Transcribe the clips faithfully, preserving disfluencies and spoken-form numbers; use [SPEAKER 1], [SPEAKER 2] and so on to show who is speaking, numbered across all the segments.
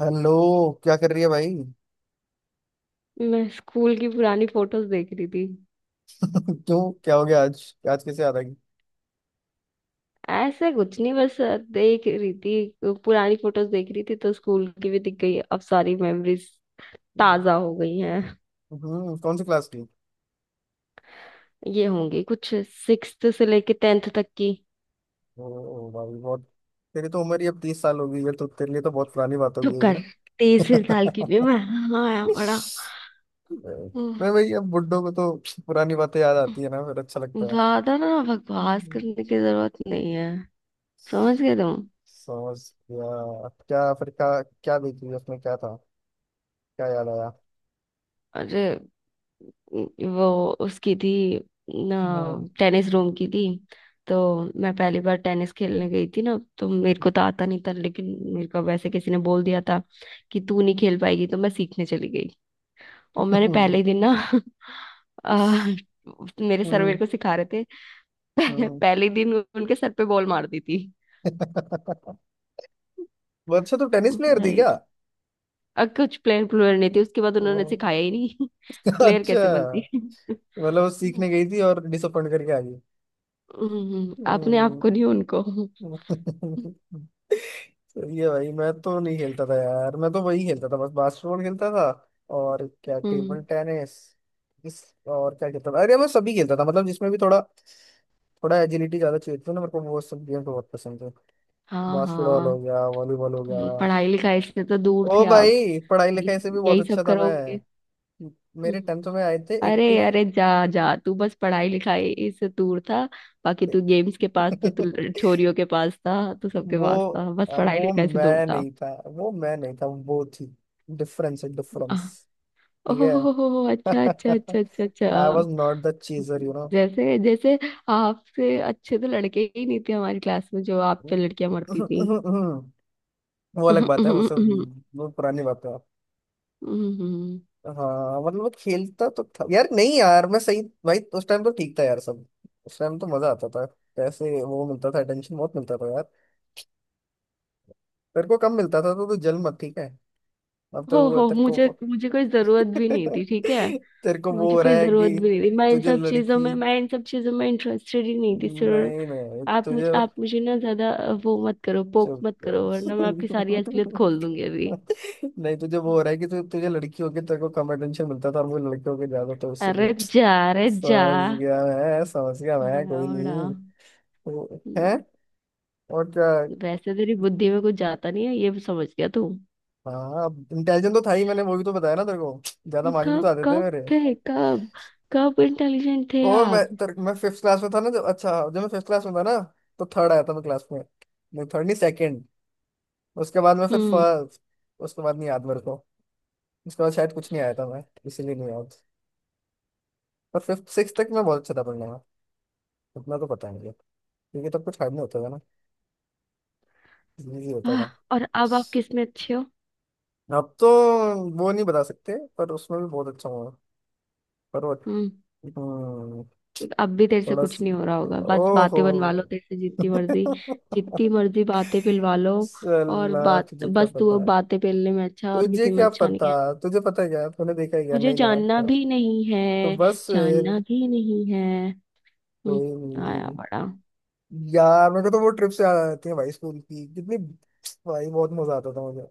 [SPEAKER 1] Hello. क्या कर रही है भाई?
[SPEAKER 2] मैं स्कूल की पुरानी फोटोज देख रही थी।
[SPEAKER 1] क्यों, क्या हो गया आज? आज कैसे याद आ गई?
[SPEAKER 2] ऐसे कुछ नहीं, बस देख रही थी, पुरानी फोटोज देख रही थी, तो स्कूल की भी दिख गई, अब सारी मेमोरीज ताजा हो गई हैं।
[SPEAKER 1] हम्म कौन सी क्लास की?
[SPEAKER 2] ये होंगी कुछ सिक्स से लेके टेंथ तक की।
[SPEAKER 1] ओ भाई बहुत। तेरी तो उम्र ही अब तीस साल हो गई है, तो तेरे लिए तो बहुत पुरानी बात हो
[SPEAKER 2] चुप
[SPEAKER 1] गई है
[SPEAKER 2] कर।
[SPEAKER 1] ना।
[SPEAKER 2] तेईस साल की थी मैं, हाँ बड़ा। हम्म,
[SPEAKER 1] मैं भाई, अब बुड्ढों को तो पुरानी बातें याद आती है ना, फिर अच्छा लगता है।
[SPEAKER 2] ज्यादा ना बकवास
[SPEAKER 1] हम्म।
[SPEAKER 2] करने की जरूरत नहीं है। समझ गए तुम?
[SPEAKER 1] समझ गया क्या? फिर क्या? क्या देखी उसमें, क्या था? क्या याद आया?
[SPEAKER 2] अरे, वो उसकी थी ना,
[SPEAKER 1] हाँ।
[SPEAKER 2] टेनिस रूम की थी। तो मैं पहली बार टेनिस खेलने गई थी ना, तो मेरे को तो आता नहीं था, लेकिन मेरे को वैसे किसी ने बोल दिया था कि तू नहीं खेल पाएगी, तो मैं सीखने चली गई। और मैंने पहले ही दिन ना, आ, मेरे सर
[SPEAKER 1] हम्म।
[SPEAKER 2] मेरे को सिखा रहे थे।
[SPEAKER 1] हम्म।
[SPEAKER 2] पहले ही दिन उनके सर पे बॉल मार दी थी।
[SPEAKER 1] वो अच्छा, तो टेनिस प्लेयर थी?
[SPEAKER 2] भाई, अ, कुछ प्लेयर प्लेयर नहीं थे, उसके बाद
[SPEAKER 1] क्या?
[SPEAKER 2] उन्होंने सिखाया ही नहीं। प्लेयर
[SPEAKER 1] अच्छा,
[SPEAKER 2] कैसे बनती।
[SPEAKER 1] मतलब वो सीखने गई थी और डिसअपॉइंट करके आ गई।
[SPEAKER 2] हम्म, आपने आपको
[SPEAKER 1] हम्म।
[SPEAKER 2] नहीं, उनको।
[SPEAKER 1] सही है भाई। मैं तो नहीं खेलता था यार। मैं तो वही खेलता था, बस बास्केटबॉल खेलता था। और क्या,
[SPEAKER 2] हम्म।
[SPEAKER 1] Table tennis. इस और क्या खेलता था। अरे मैं सभी खेलता था, मतलब जिसमें भी थोड़ा थोड़ा एजिलिटी ज्यादा चाहिए थी ना, मेरे को वो सब गेम तो बहुत पसंद है।
[SPEAKER 2] हाँ
[SPEAKER 1] बास्केटबॉल हो
[SPEAKER 2] हाँ।
[SPEAKER 1] गया, वॉलीबॉल हो
[SPEAKER 2] ये
[SPEAKER 1] गया।
[SPEAKER 2] पढ़ाई लिखाई से तो दूर
[SPEAKER 1] ओ
[SPEAKER 2] थे आप।
[SPEAKER 1] भाई, पढ़ाई
[SPEAKER 2] यही
[SPEAKER 1] लिखाई से भी
[SPEAKER 2] सब
[SPEAKER 1] बहुत
[SPEAKER 2] यही
[SPEAKER 1] अच्छा
[SPEAKER 2] सब
[SPEAKER 1] था मैं।
[SPEAKER 2] करोगे।
[SPEAKER 1] मेरे
[SPEAKER 2] हम्म।
[SPEAKER 1] टेंथ में आए थे
[SPEAKER 2] अरे
[SPEAKER 1] एट्टी।
[SPEAKER 2] अरे, जा जा तू, बस पढ़ाई लिखाई से दूर था, बाकी तू गेम्स के पास, तो तू छोरियों के पास था, तू सबके
[SPEAKER 1] वो
[SPEAKER 2] पास था, बस पढ़ाई
[SPEAKER 1] वो
[SPEAKER 2] लिखाई से दूर
[SPEAKER 1] मैं
[SPEAKER 2] था।
[SPEAKER 1] नहीं था, वो मैं नहीं था, वो थी। डिफरेंस है, डिफरेंस।
[SPEAKER 2] आह।
[SPEAKER 1] ठीक है।
[SPEAKER 2] ओह, अच्छा अच्छा अच्छा अच्छा अच्छा।
[SPEAKER 1] आई was not the cheater you know.
[SPEAKER 2] जैसे जैसे आपसे अच्छे तो लड़के ही नहीं थे हमारी क्लास में, जो आप पे लड़कियां मरती थी।
[SPEAKER 1] वो अलग
[SPEAKER 2] हम्म,
[SPEAKER 1] बात है, वो
[SPEAKER 2] हम्म,
[SPEAKER 1] सब।
[SPEAKER 2] हम्म,
[SPEAKER 1] वो पुरानी बात है।
[SPEAKER 2] हम्म, हम्म।
[SPEAKER 1] हाँ मतलब वो खेलता तो था यार, नहीं यार मैं सही। भाई उस टाइम तो ठीक था यार सब। उस टाइम तो मजा आता था। पैसे वो मिलता था, टेंशन बहुत मिलता था यार। तेरे को कम मिलता था तो तू जल मत, ठीक है। अब
[SPEAKER 2] हो
[SPEAKER 1] तो वो
[SPEAKER 2] हो
[SPEAKER 1] तेरे
[SPEAKER 2] मुझे
[SPEAKER 1] को।
[SPEAKER 2] मुझे कोई जरूरत भी नहीं थी, ठीक है।
[SPEAKER 1] तेरे को वो
[SPEAKER 2] मुझे
[SPEAKER 1] हो रहा
[SPEAKER 2] कोई
[SPEAKER 1] है
[SPEAKER 2] जरूरत
[SPEAKER 1] कि
[SPEAKER 2] भी नहीं थी, मैं इन
[SPEAKER 1] तुझे
[SPEAKER 2] सब चीजों
[SPEAKER 1] लड़की।
[SPEAKER 2] में मैं इन सब चीजों में इंटरेस्टेड ही नहीं थी, सर।
[SPEAKER 1] नहीं नहीं,
[SPEAKER 2] आप
[SPEAKER 1] तुझे।
[SPEAKER 2] मुझ आप मुझे ना ज्यादा अ, वो मत करो, पोक
[SPEAKER 1] चुप
[SPEAKER 2] मत करो, वरना मैं
[SPEAKER 1] कर।
[SPEAKER 2] आपकी सारी असलियत खोल दूंगी अभी।
[SPEAKER 1] नहीं, तुझे वो हो रहा है कि तु, तुझे लड़की होके तेरे को कम अटेंशन मिलता था और मुझे लड़के होके ज्यादा, तो
[SPEAKER 2] अरे
[SPEAKER 1] इसीलिए।
[SPEAKER 2] जा, अरे जा।
[SPEAKER 1] समझ गया मैं, समझ गया मैं।
[SPEAKER 2] आया
[SPEAKER 1] कोई
[SPEAKER 2] बड़ा।
[SPEAKER 1] नहीं। वो- है।
[SPEAKER 2] हम्म,
[SPEAKER 1] और क्या?
[SPEAKER 2] वैसे तेरी बुद्धि में कुछ जाता नहीं है, ये भी समझ गया तू।
[SPEAKER 1] हाँ, इंटेलिजेंट तो था ही। मैंने वो भी तो बताया ना तेरे को। ज्यादा मार्क्स भी तो
[SPEAKER 2] कब
[SPEAKER 1] आते थे
[SPEAKER 2] कब
[SPEAKER 1] मेरे।
[SPEAKER 2] थे, कब कब इंटेलिजेंट थे
[SPEAKER 1] ओ, मैं
[SPEAKER 2] आप?
[SPEAKER 1] तर, मैं फिफ्थ क्लास में था ना, जब, अच्छा जब मैं फिफ्थ क्लास में था ना, तो थर्ड आया था मैं क्लास में। नहीं थर्ड नहीं, सेकंड। उसके बाद में फिर
[SPEAKER 2] हम्म।
[SPEAKER 1] फ- उसके बाद नहीं याद मेरे को। उसके बाद शायद कुछ नहीं आया था मैं, इसीलिए नहीं याद। पर फिफ्थ सिक्स तक मैं बहुत अच्छा था पढ़ने में। उतना तो पता नहीं है, क्योंकि तब कुछ हार्ड नहीं होता था ना, इजी होता
[SPEAKER 2] आह।
[SPEAKER 1] था।
[SPEAKER 2] और अब आप किस में अच्छे हो?
[SPEAKER 1] अब तो वो नहीं बता सकते, पर उसमें भी बहुत अच्छा हुआ। पर वो।
[SPEAKER 2] हम्म।
[SPEAKER 1] हम्म,
[SPEAKER 2] अब भी तेरे से
[SPEAKER 1] थोड़ा
[SPEAKER 2] कुछ
[SPEAKER 1] सी।
[SPEAKER 2] नहीं हो रहा होगा, बस
[SPEAKER 1] ओहो।
[SPEAKER 2] बातें बनवा लो तेरे से जितनी मर्जी, जितनी मर्जी बातें पिलवा लो। और
[SPEAKER 1] सला।
[SPEAKER 2] बात
[SPEAKER 1] तुझे क्या
[SPEAKER 2] बस, तू
[SPEAKER 1] पता
[SPEAKER 2] अब
[SPEAKER 1] है,
[SPEAKER 2] बातें पेलने में अच्छा, और
[SPEAKER 1] तुझे
[SPEAKER 2] किसी में
[SPEAKER 1] क्या
[SPEAKER 2] अच्छा
[SPEAKER 1] पता?
[SPEAKER 2] नहीं है।
[SPEAKER 1] तुझे पता है क्या, तूने देखा है क्या?
[SPEAKER 2] मुझे
[SPEAKER 1] नहीं ना,
[SPEAKER 2] जानना भी नहीं
[SPEAKER 1] तो
[SPEAKER 2] है,
[SPEAKER 1] बस।
[SPEAKER 2] जानना भी नहीं है। हम्म,
[SPEAKER 1] कोई
[SPEAKER 2] आया
[SPEAKER 1] नहीं।
[SPEAKER 2] बड़ा।
[SPEAKER 1] यार मेरे को तो वो ट्रिप से याद आ जाती है भाई, स्कूल की कितनी। भाई बहुत मजा आता था मुझे।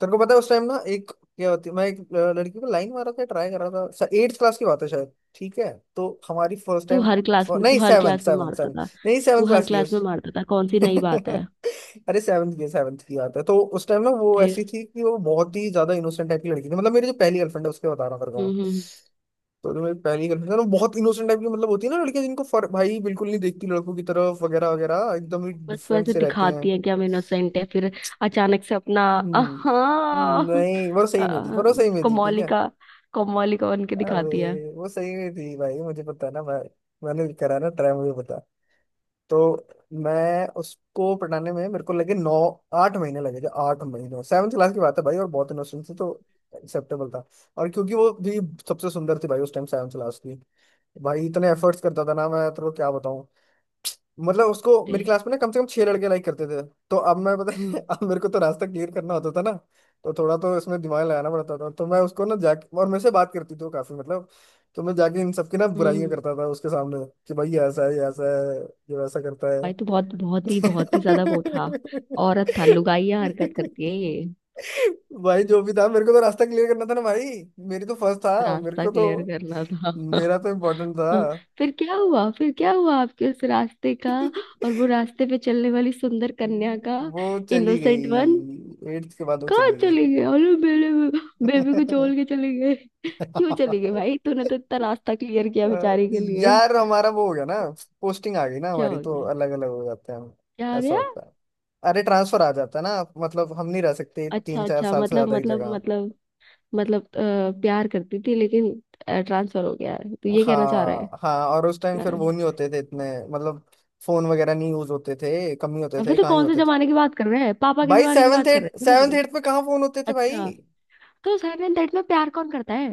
[SPEAKER 1] तेरे को पता है, उस टाइम ना एक क्या होती, मैं एक अ, लड़की को लाइन मारा था, ट्राई कर रहा था। एट्थ क्लास की बात है शायद, ठीक है। तो हमारी फर्स्ट
[SPEAKER 2] तू
[SPEAKER 1] टाइम,
[SPEAKER 2] हर क्लास में तू
[SPEAKER 1] नहीं
[SPEAKER 2] हर
[SPEAKER 1] सेवन
[SPEAKER 2] क्लास में
[SPEAKER 1] सेवन
[SPEAKER 2] मारता
[SPEAKER 1] सेवन,
[SPEAKER 2] था।
[SPEAKER 1] नहीं सेवन
[SPEAKER 2] तू हर
[SPEAKER 1] क्लास की है।
[SPEAKER 2] क्लास में मारता था, कौन सी नई बात है?
[SPEAKER 1] अरे सेवन्थ की, सेवन्थ की बात है। तो उस टाइम ना वो
[SPEAKER 2] फिर।
[SPEAKER 1] ऐसी थी कि वो बहुत ही ज्यादा इनोसेंट टाइप की लड़की थी। मतलब मेरी जो पहली गर्लफ्रेंड है, उसके बता रहा हूँ तेरे को मैं।
[SPEAKER 2] हम्म हम्म।
[SPEAKER 1] तो तुम्हें पहली कन्फ्यूजन, वो बहुत इनोसेंट टाइप की, मतलब होती है ना लड़कियां जिनको फर भाई बिल्कुल नहीं देखती लड़कों की तरफ, वगैरह वगैरह एकदम ही
[SPEAKER 2] बस
[SPEAKER 1] डिफरेंट
[SPEAKER 2] वैसे
[SPEAKER 1] से रहती हैं।
[SPEAKER 2] दिखाती है कि हम इनोसेंट है, फिर अचानक से अपना।
[SPEAKER 1] हम्म
[SPEAKER 2] हाँ।
[SPEAKER 1] नहीं वो सही में थी, पर वो सही में थी, ठीक
[SPEAKER 2] कोमोली
[SPEAKER 1] है।
[SPEAKER 2] का कोमोली का बन के दिखाती है।
[SPEAKER 1] अबे वो सही में थी भाई, मुझे पता ना भाई। मैंने भी करा ना ट्राई, मुझे पता। तो मैं उसको पटाने में मेरे को लगे नौ, आठ महीने लगे थे, आठ महीने। सेवन्थ क्लास की बात है भाई, और बहुत इनोसेंट थी तो एक्सेप्टेबल था। और क्योंकि वो भी सबसे सुंदर थी भाई उस टाइम, सेवन्थ क्लास की। भाई इतने एफर्ट्स करता था ना मैं, तेरे को क्या बताऊं। मतलब उसको
[SPEAKER 2] ते-
[SPEAKER 1] मेरी क्लास में ना कम से कम छह लड़के लाइक करते थे। तो अब मैं, पता है
[SPEAKER 2] हम्म
[SPEAKER 1] अब मेरे को तो रास्ता क्लियर करना होता था ना। तो थोड़ा तो इसमें दिमाग लगाना पड़ता था। तो मैं उसको ना जाके, और मेरे से बात करती थी वो काफी, मतलब। तो मैं जाके इन सबकी ना बुराइयां
[SPEAKER 2] हम्म।
[SPEAKER 1] करता था उसके सामने कि भाई, ये ऐसा है, ये ऐसा है, ये वैसा करता
[SPEAKER 2] भाई तो बहुत, बहुत ही बहुत ही ज्यादा
[SPEAKER 1] है।
[SPEAKER 2] वो था। औरत था, लुगाइया हरकत करती है ये।
[SPEAKER 1] भाई
[SPEAKER 2] हम्म,
[SPEAKER 1] जो भी था, मेरे को तो रास्ता क्लियर करना था ना भाई। मेरी तो फर्स्ट था, मेरे
[SPEAKER 2] रास्ता
[SPEAKER 1] को तो।
[SPEAKER 2] क्लियर करना था।
[SPEAKER 1] मेरा तो इम्पोर्टेंट था।
[SPEAKER 2] फिर क्या हुआ, फिर क्या हुआ आपके उस रास्ते का? और वो रास्ते पे चलने वाली सुंदर कन्या का?
[SPEAKER 1] वो चली
[SPEAKER 2] इनोसेंट वन।
[SPEAKER 1] गई, एट्थ के बाद वो
[SPEAKER 2] कहाँ
[SPEAKER 1] चली गई।
[SPEAKER 2] चले गए? अरे मेरे बेबी को छोड़ के चले गए? क्यों चले गए भाई, तूने तो इतना रास्ता क्लियर किया
[SPEAKER 1] अ,
[SPEAKER 2] बेचारी के लिए।
[SPEAKER 1] यार हमारा वो हो गया ना, पोस्टिंग आ गई ना
[SPEAKER 2] क्या
[SPEAKER 1] हमारी,
[SPEAKER 2] हो
[SPEAKER 1] तो
[SPEAKER 2] गया,
[SPEAKER 1] अलग अलग हो जाते हैं हम।
[SPEAKER 2] क्या हो
[SPEAKER 1] ऐसा
[SPEAKER 2] गया?
[SPEAKER 1] होता है। अरे ट्रांसफर आ जाता है ना, मतलब हम नहीं रह सकते तीन
[SPEAKER 2] अच्छा
[SPEAKER 1] चार
[SPEAKER 2] अच्छा,
[SPEAKER 1] साल से
[SPEAKER 2] मतलब
[SPEAKER 1] ज्यादा एक
[SPEAKER 2] मतलब
[SPEAKER 1] जगह।
[SPEAKER 2] मतलब मतलब, अ, प्यार करती थी लेकिन ट्रांसफर हो गया है, तो ये कहना चाह रहा है।
[SPEAKER 1] हाँ हाँ, और उस टाइम फिर
[SPEAKER 2] अ,
[SPEAKER 1] वो नहीं होते थे इतने, मतलब फोन वगैरह नहीं यूज होते थे, कम ही होते
[SPEAKER 2] अबे
[SPEAKER 1] थे,
[SPEAKER 2] तो
[SPEAKER 1] कहाँ ही
[SPEAKER 2] कौन से
[SPEAKER 1] होते थे।
[SPEAKER 2] जमाने की बात कर रहे हैं, पापा के
[SPEAKER 1] भाई
[SPEAKER 2] जमाने की
[SPEAKER 1] सेवन्थ
[SPEAKER 2] बात कर
[SPEAKER 1] एट,
[SPEAKER 2] रहे हैं, समझ
[SPEAKER 1] सेवन्थ
[SPEAKER 2] गई।
[SPEAKER 1] एट में कहाँ फोन होते थे भाई।
[SPEAKER 2] अच्छा। तो साइलेंट डेट में प्यार कौन करता है?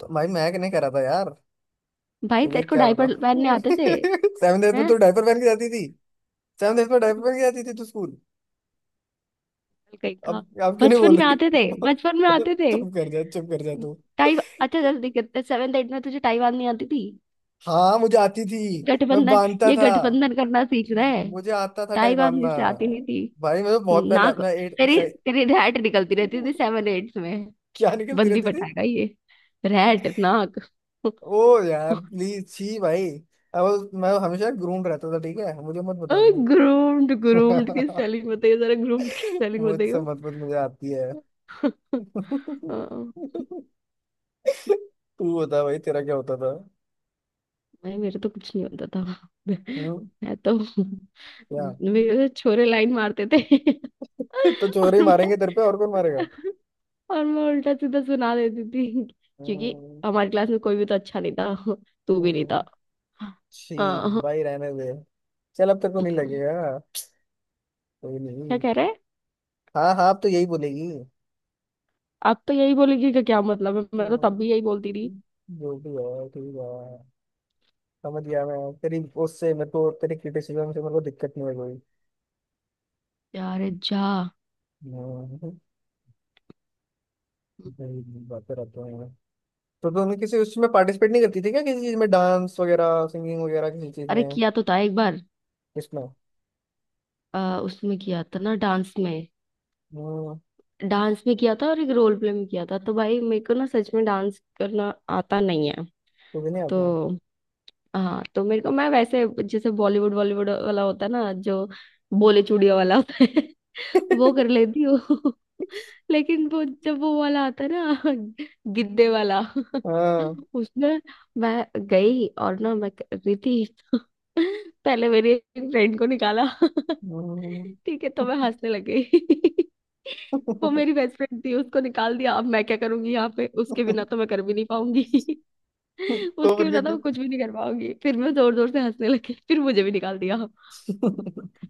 [SPEAKER 1] तो भाई मैं नहीं करा था यार।
[SPEAKER 2] भाई
[SPEAKER 1] तुझे
[SPEAKER 2] तेरे को
[SPEAKER 1] क्या
[SPEAKER 2] डायपर पहनने
[SPEAKER 1] बताओ।
[SPEAKER 2] आते थे?
[SPEAKER 1] सेवन एथ में
[SPEAKER 2] हैं?
[SPEAKER 1] तो डायपर पहन के जाती थी। सेवन एथ में डायपर पहन के जाती थी तू स्कूल।
[SPEAKER 2] कहीं का।
[SPEAKER 1] अब अब क्यों नहीं बोल
[SPEAKER 2] बचपन में
[SPEAKER 1] रही?
[SPEAKER 2] आते थे, बचपन में आते थे।
[SPEAKER 1] चुप कर जा, चुप कर जा तू।
[SPEAKER 2] टाइप अच्छा जल्दी करते, सेवेंथ एट में तुझे ताइवान नहीं आती थी।
[SPEAKER 1] हाँ मुझे आती थी। मैं
[SPEAKER 2] गठबंधन
[SPEAKER 1] बांधता
[SPEAKER 2] ये
[SPEAKER 1] था,
[SPEAKER 2] गठबंधन करना सीख रहा है।
[SPEAKER 1] मुझे आता था टाई
[SPEAKER 2] ताइवान
[SPEAKER 1] बांधना।
[SPEAKER 2] से आती नहीं थी
[SPEAKER 1] भाई मैं तो बहुत
[SPEAKER 2] ना।
[SPEAKER 1] पहले, मैं एट
[SPEAKER 2] तेरी
[SPEAKER 1] से।
[SPEAKER 2] तेरी रैट निकलती रहती थी सेवन एट में।
[SPEAKER 1] क्या निकलती
[SPEAKER 2] बंदी
[SPEAKER 1] रहती थी?
[SPEAKER 2] पटाएगा ये, रैट नाक।
[SPEAKER 1] ओ यार प्लीज, छी भाई। अब मैं हमेशा ग्रूम रहता था, ठीक है, मुझे मत बता दो।
[SPEAKER 2] ग्रूम्ड, ग्रूम्ड की स्पेलिंग बताइए जरा, ग्रूम्ड की स्पेलिंग
[SPEAKER 1] मुझसे
[SPEAKER 2] बताइए।
[SPEAKER 1] मत मत मुझे आती है। तू बता भाई, तेरा क्या होता था?
[SPEAKER 2] नहीं, मेरे तो कुछ नहीं होता था।
[SPEAKER 1] हम्म।
[SPEAKER 2] मैं तो,
[SPEAKER 1] क्या?
[SPEAKER 2] मेरे तो छोरे लाइन मारते थे।
[SPEAKER 1] तो
[SPEAKER 2] और
[SPEAKER 1] चोर ही
[SPEAKER 2] मैं
[SPEAKER 1] मारेंगे तेरे पे, और कौन मारेगा?
[SPEAKER 2] और मैं उल्टा सीधा सुना देती थी। क्योंकि
[SPEAKER 1] हम्म,
[SPEAKER 2] हमारी क्लास में कोई भी तो अच्छा नहीं था। तू भी नहीं
[SPEAKER 1] हम्म,
[SPEAKER 2] था। हाँ
[SPEAKER 1] छी।
[SPEAKER 2] हाँ।
[SPEAKER 1] भाई रहने दे। चल अब तक को नहीं
[SPEAKER 2] क्या?
[SPEAKER 1] लगेगा। कोई नहीं।
[SPEAKER 2] कह रहे?
[SPEAKER 1] हाँ हाँ, अब तो यही बोलेगी।
[SPEAKER 2] आप तो यही बोलेगी कि क्या मतलब है, मैं तो
[SPEAKER 1] हम्म,
[SPEAKER 2] तब भी यही बोलती थी।
[SPEAKER 1] जो भी है ठीक है। समझ गया मैं तेरी, उससे मेरे को तेरी क्रिटिसिज्म से मेरे को दिक्कत नहीं है कोई।
[SPEAKER 2] यार, जा।
[SPEAKER 1] हम्म, भाई, बातें रहते हैं। तो तुमने किसी उसमें पार्टिसिपेट नहीं करती थी क्या, किसी चीज में, डांस वगैरह, सिंगिंग वगैरह, किसी चीज
[SPEAKER 2] अरे,
[SPEAKER 1] में?
[SPEAKER 2] किया तो था एक बार, आ, उसमें किया था ना, डांस में।
[SPEAKER 1] इसमें?
[SPEAKER 2] डांस में किया था, और एक रोल प्ले में किया था। तो भाई मेरे को ना, सच में डांस करना आता नहीं है।
[SPEAKER 1] तुझे नहीं आता?
[SPEAKER 2] तो हाँ, तो मेरे को, मैं वैसे, जैसे बॉलीवुड बॉलीवुड वाला होता है ना, जो बोले चूड़िया वाला होता है, वो कर लेती हूँ। लेकिन वो, जब वो वाला आता है ना, गिद्दे वाला,
[SPEAKER 1] हाँ।
[SPEAKER 2] उसमें मैं गई, और ना मैं कर रही थी। पहले मेरी एक फ्रेंड को निकाला।
[SPEAKER 1] हम्म।
[SPEAKER 2] ठीक है, तो मैं हंसने लग गई। वो
[SPEAKER 1] तो
[SPEAKER 2] मेरी बेस्ट फ्रेंड थी, उसको निकाल दिया, अब मैं क्या करूंगी यहाँ पे, उसके बिना तो मैं कर भी नहीं पाऊंगी। उसके
[SPEAKER 1] फिर क्या?
[SPEAKER 2] बिना तो
[SPEAKER 1] क्या?
[SPEAKER 2] मैं कुछ भी नहीं कर पाऊंगी, फिर मैं जोर जोर से हंसने लगी, फिर मुझे भी निकाल दिया।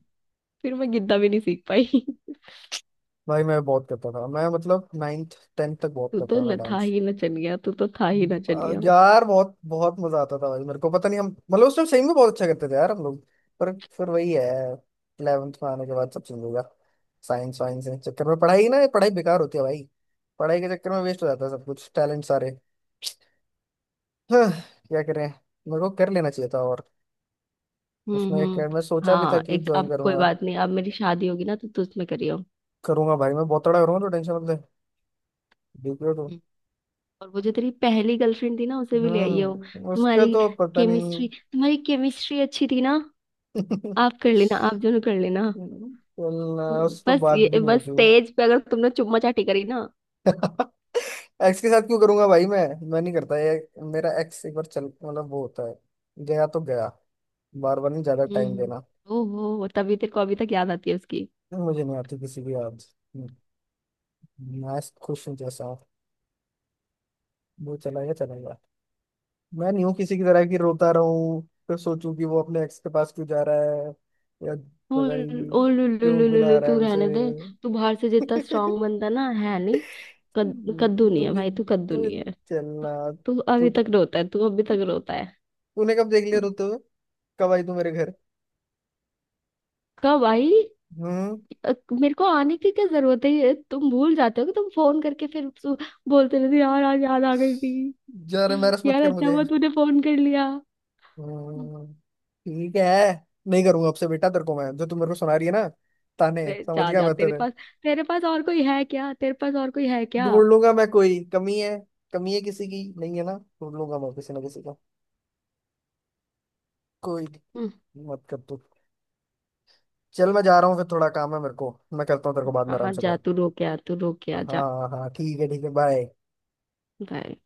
[SPEAKER 2] फिर मैं गिद्दा भी नहीं सीख पाई।
[SPEAKER 1] भाई मैं बहुत करता था मैं, मतलब नाइन्थ टेंथ तक बहुत
[SPEAKER 2] तू तो
[SPEAKER 1] करता था
[SPEAKER 2] न- था
[SPEAKER 1] डांस।
[SPEAKER 2] ही ना, चल गया, तू तो था ही ना चल
[SPEAKER 1] आ,
[SPEAKER 2] गया।
[SPEAKER 1] यार बहुत बहुत मजा आता था भाई। मेरे को पता नहीं हम, मतलब उस टाइम सही में बहुत अच्छा करते थे यार हम लोग। पर फिर वही है, ग्यारहवीं में आने के बाद सब चेंज हो गया। साइंस वाइंस के चक्कर में पढ़ाई, ना पढ़ाई बेकार होती है भाई। पढ़ाई के चक्कर में वेस्ट हो जाता है सब कुछ, टैलेंट सारे। हाँ, क्या करें। मेरे को कर लेना चाहिए था, और
[SPEAKER 2] हम्म
[SPEAKER 1] उसमें एक
[SPEAKER 2] हम्म।
[SPEAKER 1] मैं सोचा भी था
[SPEAKER 2] हाँ
[SPEAKER 1] कि
[SPEAKER 2] एक,
[SPEAKER 1] ज्वाइन
[SPEAKER 2] अब कोई
[SPEAKER 1] करूंगा।
[SPEAKER 2] बात नहीं, अब मेरी शादी होगी ना, तो तू उसमें करियो।
[SPEAKER 1] करूंगा भाई, मैं बहुत तगड़ा करूंगा, तो टेंशन मत ले। डीपीओ तो।
[SPEAKER 2] हम्म। और वो जो तेरी पहली गर्लफ्रेंड थी ना, उसे भी ले आइयो।
[SPEAKER 1] हम्म, उसका
[SPEAKER 2] तुम्हारी
[SPEAKER 1] तो पता नहीं।
[SPEAKER 2] केमिस्ट्री तुम्हारी केमिस्ट्री अच्छी थी ना। आप कर लेना, आप दोनों कर लेना।
[SPEAKER 1] चलना,
[SPEAKER 2] हम्म,
[SPEAKER 1] उस तो
[SPEAKER 2] बस
[SPEAKER 1] बात भी
[SPEAKER 2] ये,
[SPEAKER 1] नहीं
[SPEAKER 2] बस
[SPEAKER 1] होती हुई।
[SPEAKER 2] स्टेज पे अगर तुमने चुम्मा चाटी करी ना।
[SPEAKER 1] एक्स के साथ क्यों करूंगा भाई मैं? मैं नहीं करता ये। मेरा एक्स एक बार चल, मतलब वो होता है, गया तो गया। बार बार नहीं ज्यादा
[SPEAKER 2] हम्म,
[SPEAKER 1] टाइम
[SPEAKER 2] हम्म।
[SPEAKER 1] देना।
[SPEAKER 2] ओहो, तभी तेरे को अभी तक याद आती है उसकी।
[SPEAKER 1] मुझे नहीं आती किसी की याद। हम्म, मैं खुश हूँ जैसा हूँ। वो चला गया, चला गया। मैं नहीं हूँ किसी की तरह की रोता रहूं। फिर सोचूं कि वो अपने एक्स के पास क्यों जा रहा है, या
[SPEAKER 2] ओ,
[SPEAKER 1] पता नहीं
[SPEAKER 2] ओ लु लु
[SPEAKER 1] क्यों
[SPEAKER 2] लु लु लु,
[SPEAKER 1] बुला रहा
[SPEAKER 2] तू
[SPEAKER 1] है उसे।
[SPEAKER 2] रहने दे। तू बाहर से जितना स्ट्रांग बनता ना, है नहीं। कद, कद्दू नहीं है
[SPEAKER 1] तुझे
[SPEAKER 2] भाई, तू कद्दू
[SPEAKER 1] तुझे
[SPEAKER 2] नहीं है।
[SPEAKER 1] चलना।
[SPEAKER 2] तू
[SPEAKER 1] तू,
[SPEAKER 2] अभी तक रोता है, तू अभी तक रोता है।
[SPEAKER 1] तूने कब देख लिया रोते हुए? कब आई तू मेरे घर?
[SPEAKER 2] कब आई?
[SPEAKER 1] हम्म।
[SPEAKER 2] अ, मेरे को आने की क्या जरूरत है? ये तुम भूल जाते हो कि तुम फोन करके फिर सु- बोलते रहते हो, यार आज याद आ गई थी,
[SPEAKER 1] जा रहे, मैरस मत
[SPEAKER 2] यार
[SPEAKER 1] कर
[SPEAKER 2] अच्छा
[SPEAKER 1] मुझे।
[SPEAKER 2] हुआ तूने फोन कर लिया।
[SPEAKER 1] हम्म, ठीक है। नहीं करूंगा आपसे बेटा। तेरे को मैं, जो तू मेरे को सुना रही है ना ताने,
[SPEAKER 2] अरे
[SPEAKER 1] समझ
[SPEAKER 2] जा
[SPEAKER 1] गया
[SPEAKER 2] जा
[SPEAKER 1] मैं
[SPEAKER 2] तेरे
[SPEAKER 1] तेरे।
[SPEAKER 2] पास तेरे पास और कोई है क्या तेरे पास और कोई है क्या
[SPEAKER 1] ढूंढ लूंगा मैं, कोई कमी है? कमी है किसी की, नहीं है ना। ढूंढ लूंगा मैं किसी ना किसी का। कोई नहीं,
[SPEAKER 2] हम्म।
[SPEAKER 1] मत कर तू। चल मैं जा रहा हूँ फिर, थोड़ा काम है मेरे को, मैं करता हूँ तेरे को बाद में
[SPEAKER 2] हाँ
[SPEAKER 1] आराम
[SPEAKER 2] हाँ,
[SPEAKER 1] से
[SPEAKER 2] जा
[SPEAKER 1] कॉल।
[SPEAKER 2] तू रो के आ, तू रो के
[SPEAKER 1] हाँ
[SPEAKER 2] आ जा।
[SPEAKER 1] हाँ हाँ, ठीक है ठीक है, बाय।
[SPEAKER 2] बाय।